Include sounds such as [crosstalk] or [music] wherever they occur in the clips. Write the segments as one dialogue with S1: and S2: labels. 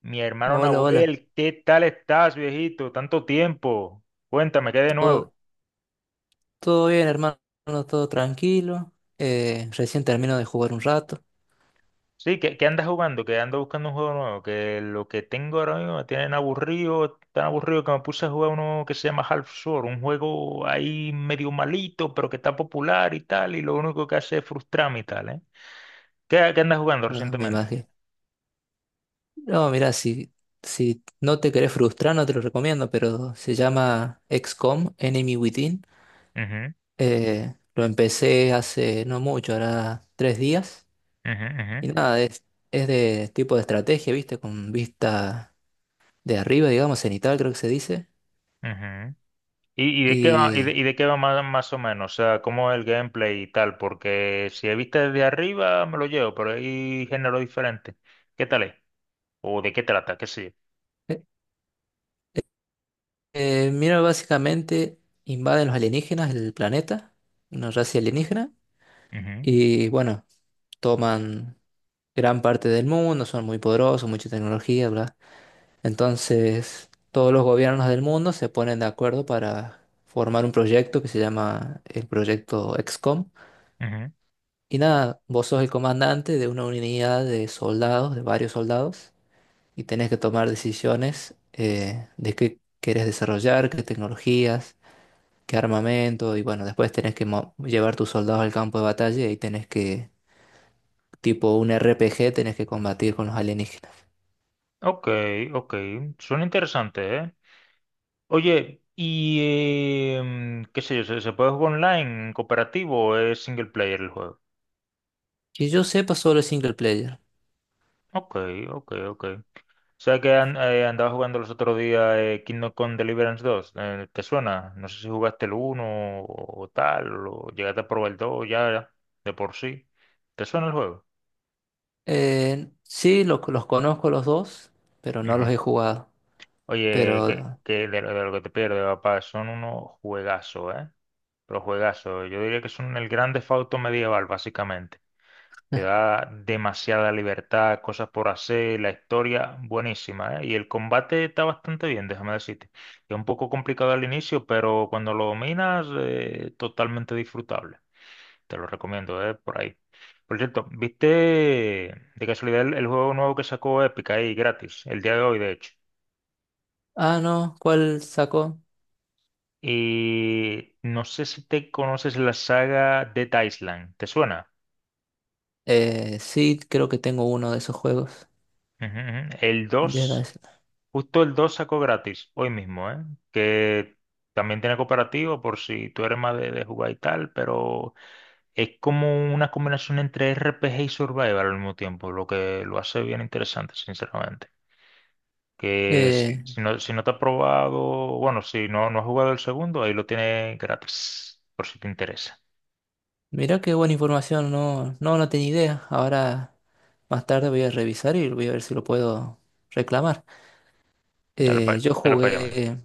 S1: Mi hermano
S2: Hola, hola.
S1: Nahuel, ¿qué tal estás, viejito? Tanto tiempo. Cuéntame, ¿qué hay de nuevo?
S2: Todo, todo bien, hermano. Todo tranquilo. Recién termino de jugar un rato.
S1: Sí, ¿qué andas jugando? Que ando buscando un juego nuevo. Que lo que tengo ahora mismo me tienen aburrido, tan aburrido que me puse a jugar uno que se llama Half-Sword, un juego ahí medio malito, pero que está popular y tal, y lo único que hace es frustrarme y tal, ¿eh? ¿Qué andas jugando
S2: No, me
S1: recientemente?
S2: imagino. No, mira, si no te querés frustrar, no te lo recomiendo, pero se llama XCOM, Enemy Within.
S1: Ujú,
S2: Lo empecé hace no mucho, ahora 3 días.
S1: ujú,
S2: Y
S1: ujú,
S2: nada, es de tipo de estrategia, ¿viste? Con vista de arriba, digamos, cenital, creo que se dice.
S1: ujú. ¿Y de qué va,
S2: Y.
S1: y de qué va más o menos? O sea, ¿cómo es el gameplay y tal? Porque si he visto desde arriba me lo llevo, pero hay género diferente. ¿Qué tal es? ¿O de qué trata? ¿Qué sé
S2: Mira, básicamente invaden los alienígenas el planeta, una raza alienígena,
S1: yo? Ujú.
S2: y bueno, toman gran parte del mundo, son muy poderosos, mucha tecnología, bla. Entonces, todos los gobiernos del mundo se ponen de acuerdo para formar un proyecto que se llama el proyecto XCOM.
S1: Ujú.
S2: Y nada, vos sos el comandante de una unidad de soldados, de varios soldados, y tenés que tomar decisiones de qué querés desarrollar, qué tecnologías qué armamento, y bueno, después tenés que llevar tus soldados al campo de batalla y ahí tenés que, tipo un RPG, tenés que combatir con los alienígenas.
S1: Ok, ok. Suena interesante, ¿eh? Oye, y qué sé yo, ¿se puede jugar online, en cooperativo o es single player el juego?
S2: Que yo sepa solo el single player.
S1: Ok, ok, ok. O sea que andaba jugando los otros días Kingdom Come Deliverance 2, ¿te suena? No sé si jugaste el uno o tal, o llegaste a probar el 2 ya de por sí. ¿Te suena el juego?
S2: Sí, los conozco los dos, pero no los
S1: Ujú.
S2: he jugado.
S1: Oye, que,
S2: Pero...
S1: que lo de lo que te pierdes, papá, son unos juegazos, ¿eh? Pero juegazos. Yo diría que son el gran Theft Auto medieval, básicamente. Te
S2: [laughs]
S1: da demasiada libertad, cosas por hacer, la historia buenísima, ¿eh? Y el combate está bastante bien, déjame decirte. Es un poco complicado al inicio, pero cuando lo dominas, totalmente disfrutable. Te lo recomiendo, ¿eh? Por ahí. Por cierto, ¿viste de casualidad el juego nuevo que sacó Epic ahí gratis, el día de hoy, de hecho?
S2: Ah, no, ¿cuál sacó?
S1: Y no sé si te conoces la saga Dead Island, ¿te suena?
S2: Sí, creo que tengo uno de esos juegos.
S1: Ujú, ujú. El
S2: Dead
S1: 2
S2: Island.
S1: Justo el 2 sacó gratis, hoy mismo, ¿eh? Que también tiene cooperativo por si tú eres más de jugar y tal, pero es como una combinación entre RPG y Survival al mismo tiempo, lo que lo hace bien interesante, sinceramente. Que
S2: Eh,
S1: si no te has probado, bueno, si no has jugado el segundo, ahí lo tienes gratis, por si te interesa.
S2: mira qué buena información, no tenía idea. Ahora más tarde voy a revisar y voy a ver si lo puedo reclamar.
S1: Dale
S2: Eh,
S1: para
S2: yo
S1: dale pa allá, manito.
S2: jugué,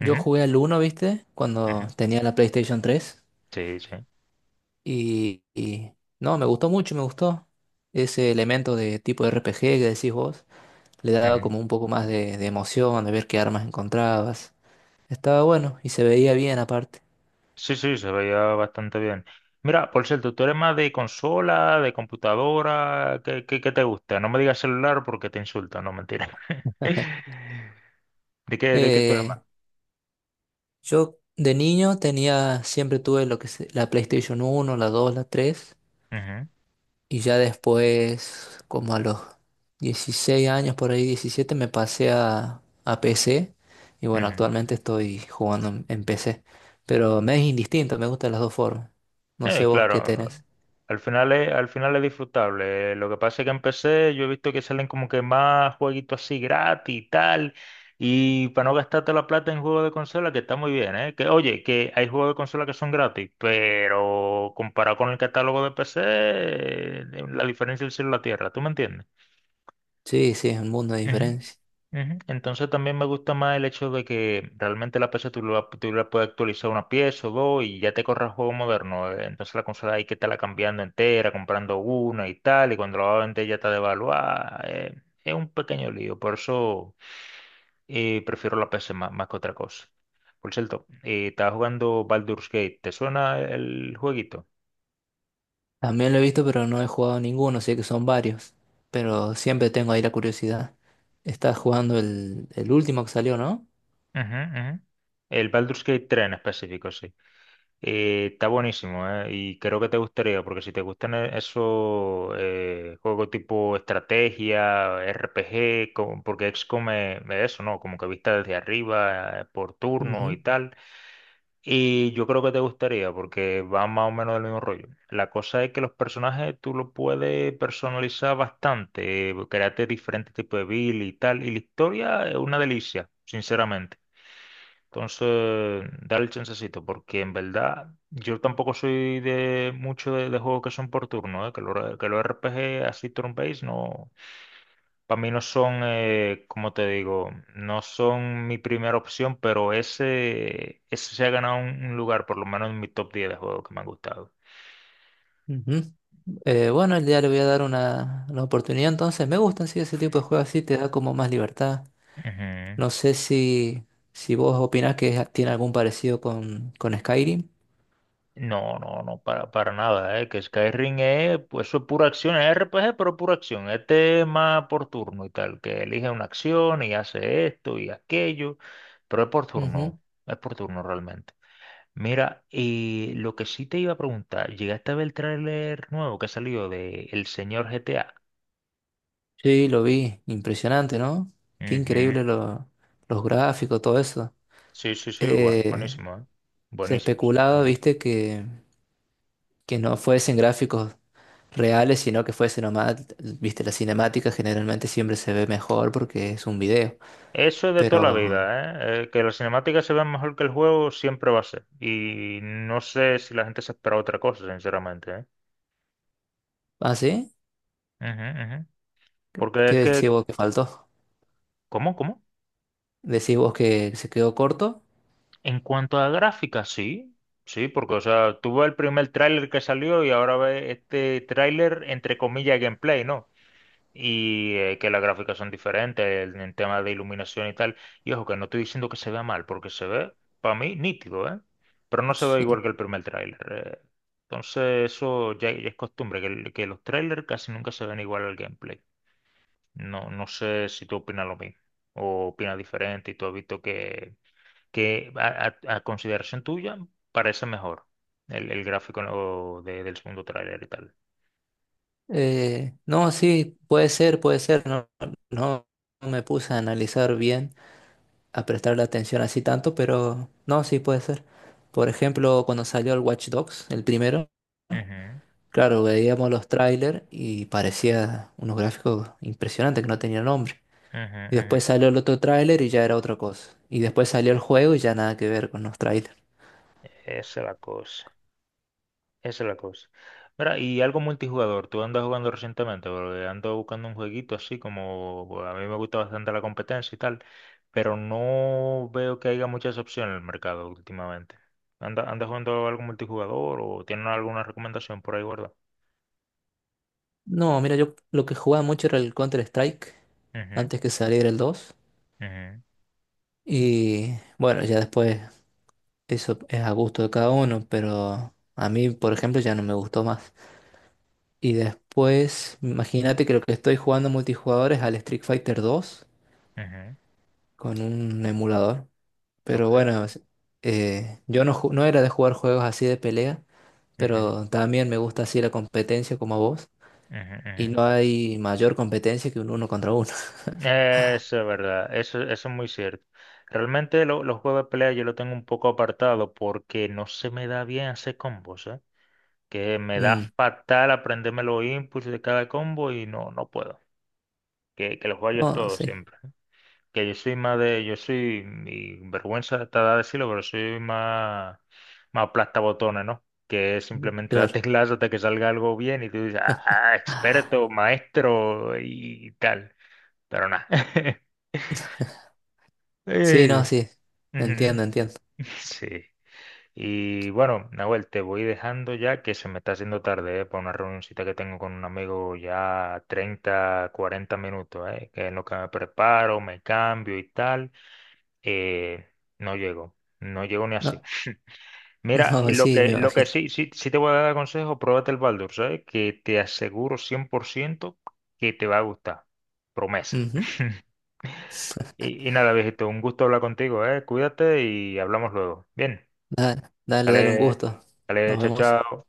S2: yo
S1: Ujú,
S2: jugué al uno, ¿viste? Cuando
S1: ujú.
S2: tenía la PlayStation 3
S1: Sí, sí.
S2: y no, me gustó mucho, me gustó ese elemento de tipo RPG que decís vos, le daba
S1: Ujú.
S2: como un poco más de emoción, de ver qué armas encontrabas. Estaba bueno y se veía bien aparte.
S1: Sí, sí, se veía bastante bien. Mira, por cierto, ¿tú eres más de consola, de computadora? ¿Qué te gusta? No me digas celular porque te insultan, no, mentira. [laughs]
S2: [laughs]
S1: ¿De qué tú eres más?
S2: Eh, yo de niño tenía, siempre tuve lo que es la PlayStation uno, la 2, la 3.
S1: Ujú,
S2: Y ya después, como a los 16 años, por ahí 17, me pasé a PC. Y bueno,
S1: ujú.
S2: actualmente estoy jugando en PC. Pero me es indistinto, me gustan las dos formas. No sé vos qué
S1: Claro,
S2: tenés.
S1: al final es disfrutable. Lo que pasa es que en PC yo he visto que salen como que más jueguitos así gratis y tal. Y para no gastarte la plata en juegos de consola, que está muy bien, ¿eh? Oye, que hay juegos de consola que son gratis, pero comparado con el catálogo de PC, la diferencia es el cielo y la tierra, ¿tú me entiendes?
S2: Sí, sí, es un mundo de diferencia.
S1: Ujú. Entonces también me gusta más el hecho de que realmente la PC tú la puedes actualizar una pieza o dos y ya te corre el juego moderno. Entonces la consola hay que estarla cambiando entera, comprando una y tal, y cuando la va a vender ya está devaluada. Es un pequeño lío, por eso prefiero la PC más que otra cosa. Por cierto, estaba jugando Baldur's Gate, ¿te suena el jueguito?
S2: También lo he visto, pero no he jugado ninguno, sé que son varios. Pero siempre tengo ahí la curiosidad. Estás jugando el último que salió, ¿no?
S1: Ujú, ujú. El Baldur's Gate 3 en específico, sí. Está buenísimo, ¿eh? Y creo que te gustaría, porque si te gustan esos juegos tipo estrategia, RPG, porque XCOM me eso, ¿no? Como que vista desde arriba, por turno y
S2: Ujú,
S1: tal. Y yo creo que te gustaría, porque va más o menos del mismo rollo. La cosa es que los personajes tú los puedes personalizar bastante, crearte diferentes tipos de build y tal. Y la historia es una delicia, sinceramente. Entonces, dale el chancecito, porque en verdad yo tampoco soy de mucho de juegos que son por turno, ¿eh? Que los RPG así turn-based no, para mí no son, como te digo, no son mi primera opción, pero ese se ha ganado un lugar, por lo menos en mi top 10 de juegos que me han gustado.
S2: ujú. Bueno, ya le voy a dar una oportunidad, entonces me gusta sí, ese tipo de juegos así, te da como más libertad.
S1: Ujú.
S2: No sé si vos opinás que es- tiene algún parecido con Skyrim.
S1: No, no, no, para nada, que Skyrim es, pues eso es pura acción, es RPG, pero pura acción, este es tema por turno y tal, que elige una acción y hace esto y aquello, pero
S2: Ujú.
S1: es por turno realmente. Mira, y lo que sí te iba a preguntar, ¿llegaste a ver el tráiler nuevo que salió de El Señor GTA?
S2: Sí, lo vi, impresionante, ¿no? Qué increíble
S1: Ujú.
S2: los gráficos, todo eso.
S1: Sí, sí, sí, bueno,
S2: Eh,
S1: buenísimo.
S2: Se
S1: Buenísimo,
S2: especulaba,
S1: sinceramente.
S2: viste, que no fuesen gráficos reales, sino que fuese nomás, viste, la cinemática generalmente siempre se ve mejor porque es un video.
S1: Eso es de toda la
S2: Pero,
S1: vida, ¿eh? Que las cinemáticas se vean mejor que el juego siempre va a ser. Y no sé si la gente se espera otra cosa, sinceramente, ¿eh?
S2: ¿ah, sí?
S1: Ujú, ujú. Porque
S2: ¿Qué
S1: es
S2: decís
S1: que,
S2: vos que faltó?
S1: ¿cómo, cómo?
S2: ¿Decís vos que se quedó corto?
S1: En cuanto a gráficas, sí, sí, porque, o sea, tú ves el primer tráiler que salió y ahora ves este tráiler, entre comillas, gameplay, ¿no? Y que las gráficas son diferentes en temas de iluminación y tal. Y ojo, que no estoy diciendo que se vea mal, porque se ve, para mí, nítido, ¿eh? Pero no se ve igual
S2: Sí.
S1: que el primer tráiler. eh. Entonces, eso ya, ya es costumbre, que los trailers casi nunca se ven igual al gameplay. No, no sé si tú opinas lo mismo o opinas diferente y tú has visto que a consideración tuya parece mejor el gráfico, ¿no? Del segundo tráiler y tal.
S2: No, sí, puede ser, puede ser. No, no me puse a analizar bien, a prestarle atención así tanto, pero no, sí puede ser. Por ejemplo, cuando salió el Watch Dogs, el primero,
S1: Ujú,
S2: claro, veíamos los trailers y parecía unos gráficos impresionantes que no tenían nombre.
S1: ujú,
S2: Y después
S1: ujú.
S2: salió el otro tráiler y ya era otra cosa. Y después salió el juego y ya nada que ver con los trailers.
S1: Esa es la cosa. Esa es la cosa. Mira, y algo multijugador, ¿tú andas jugando recientemente? Porque ando buscando un jueguito así como, bueno, a mí me gusta bastante la competencia y tal, pero no veo que haya muchas opciones en el mercado últimamente. ¿Andas jugando algo multijugador o tienes alguna recomendación por ahí guardada?
S2: No, mira, yo lo que jugaba mucho era el Counter-Strike,
S1: Ujú,
S2: antes que saliera el 2.
S1: ujú,
S2: Y bueno, ya después eso es a gusto de cada uno, pero a mí, por ejemplo, ya no me gustó más. Y después, imagínate que lo que estoy jugando multijugador es al Street Fighter 2
S1: ujú,
S2: con un emulador. Pero
S1: ok,
S2: bueno, yo no, no era de jugar juegos así de pelea,
S1: ujú,
S2: pero también me gusta así la competencia como a vos.
S1: ujú,
S2: Y no
S1: ujú.
S2: hay mayor competencia que un uno contra uno. [laughs]
S1: Eso es verdad, eso es muy cierto. Realmente los juegos de pelea yo lo tengo un poco apartado porque no se me da bien hacer combos, ¿eh? Que me da
S2: Mm,
S1: fatal aprenderme los inputs de cada combo y no, no puedo. Que los fallo es
S2: no,
S1: todo
S2: sí.
S1: siempre. Que yo soy más yo soy, mi vergüenza está de decirlo, pero soy más aplastabotones, ¿no? Que es simplemente la
S2: Claro.
S1: teclas hasta que salga algo bien y tú dices, ah, experto, maestro y tal. Pero nada. [laughs]
S2: Sí, no,
S1: Eh,
S2: sí. Entiendo,
S1: Ujú.
S2: entiendo.
S1: Sí. Y bueno, Nahuel, te voy dejando ya que se me está haciendo tarde, ¿eh? Para una reunioncita que tengo con un amigo ya 30-40 minutos, ¿eh? Que en lo que me preparo, me cambio y tal, eh, no llego, no llego ni así.
S2: No, [laughs]
S1: Mira, y
S2: no, sí, me
S1: lo que
S2: imagino.
S1: sí, sí, sí te voy a dar consejo, pruébate el Baldur, ¿sabes? Que te aseguro 100% que te va a gustar. Promesa.
S2: Ujú.
S1: Y nada, viejito, un gusto hablar contigo, ¿eh? Cuídate y hablamos luego. Bien,
S2: Dale, dale, dale, un
S1: dale,
S2: gusto.
S1: dale,
S2: Nos
S1: chao,
S2: vemos.
S1: chao.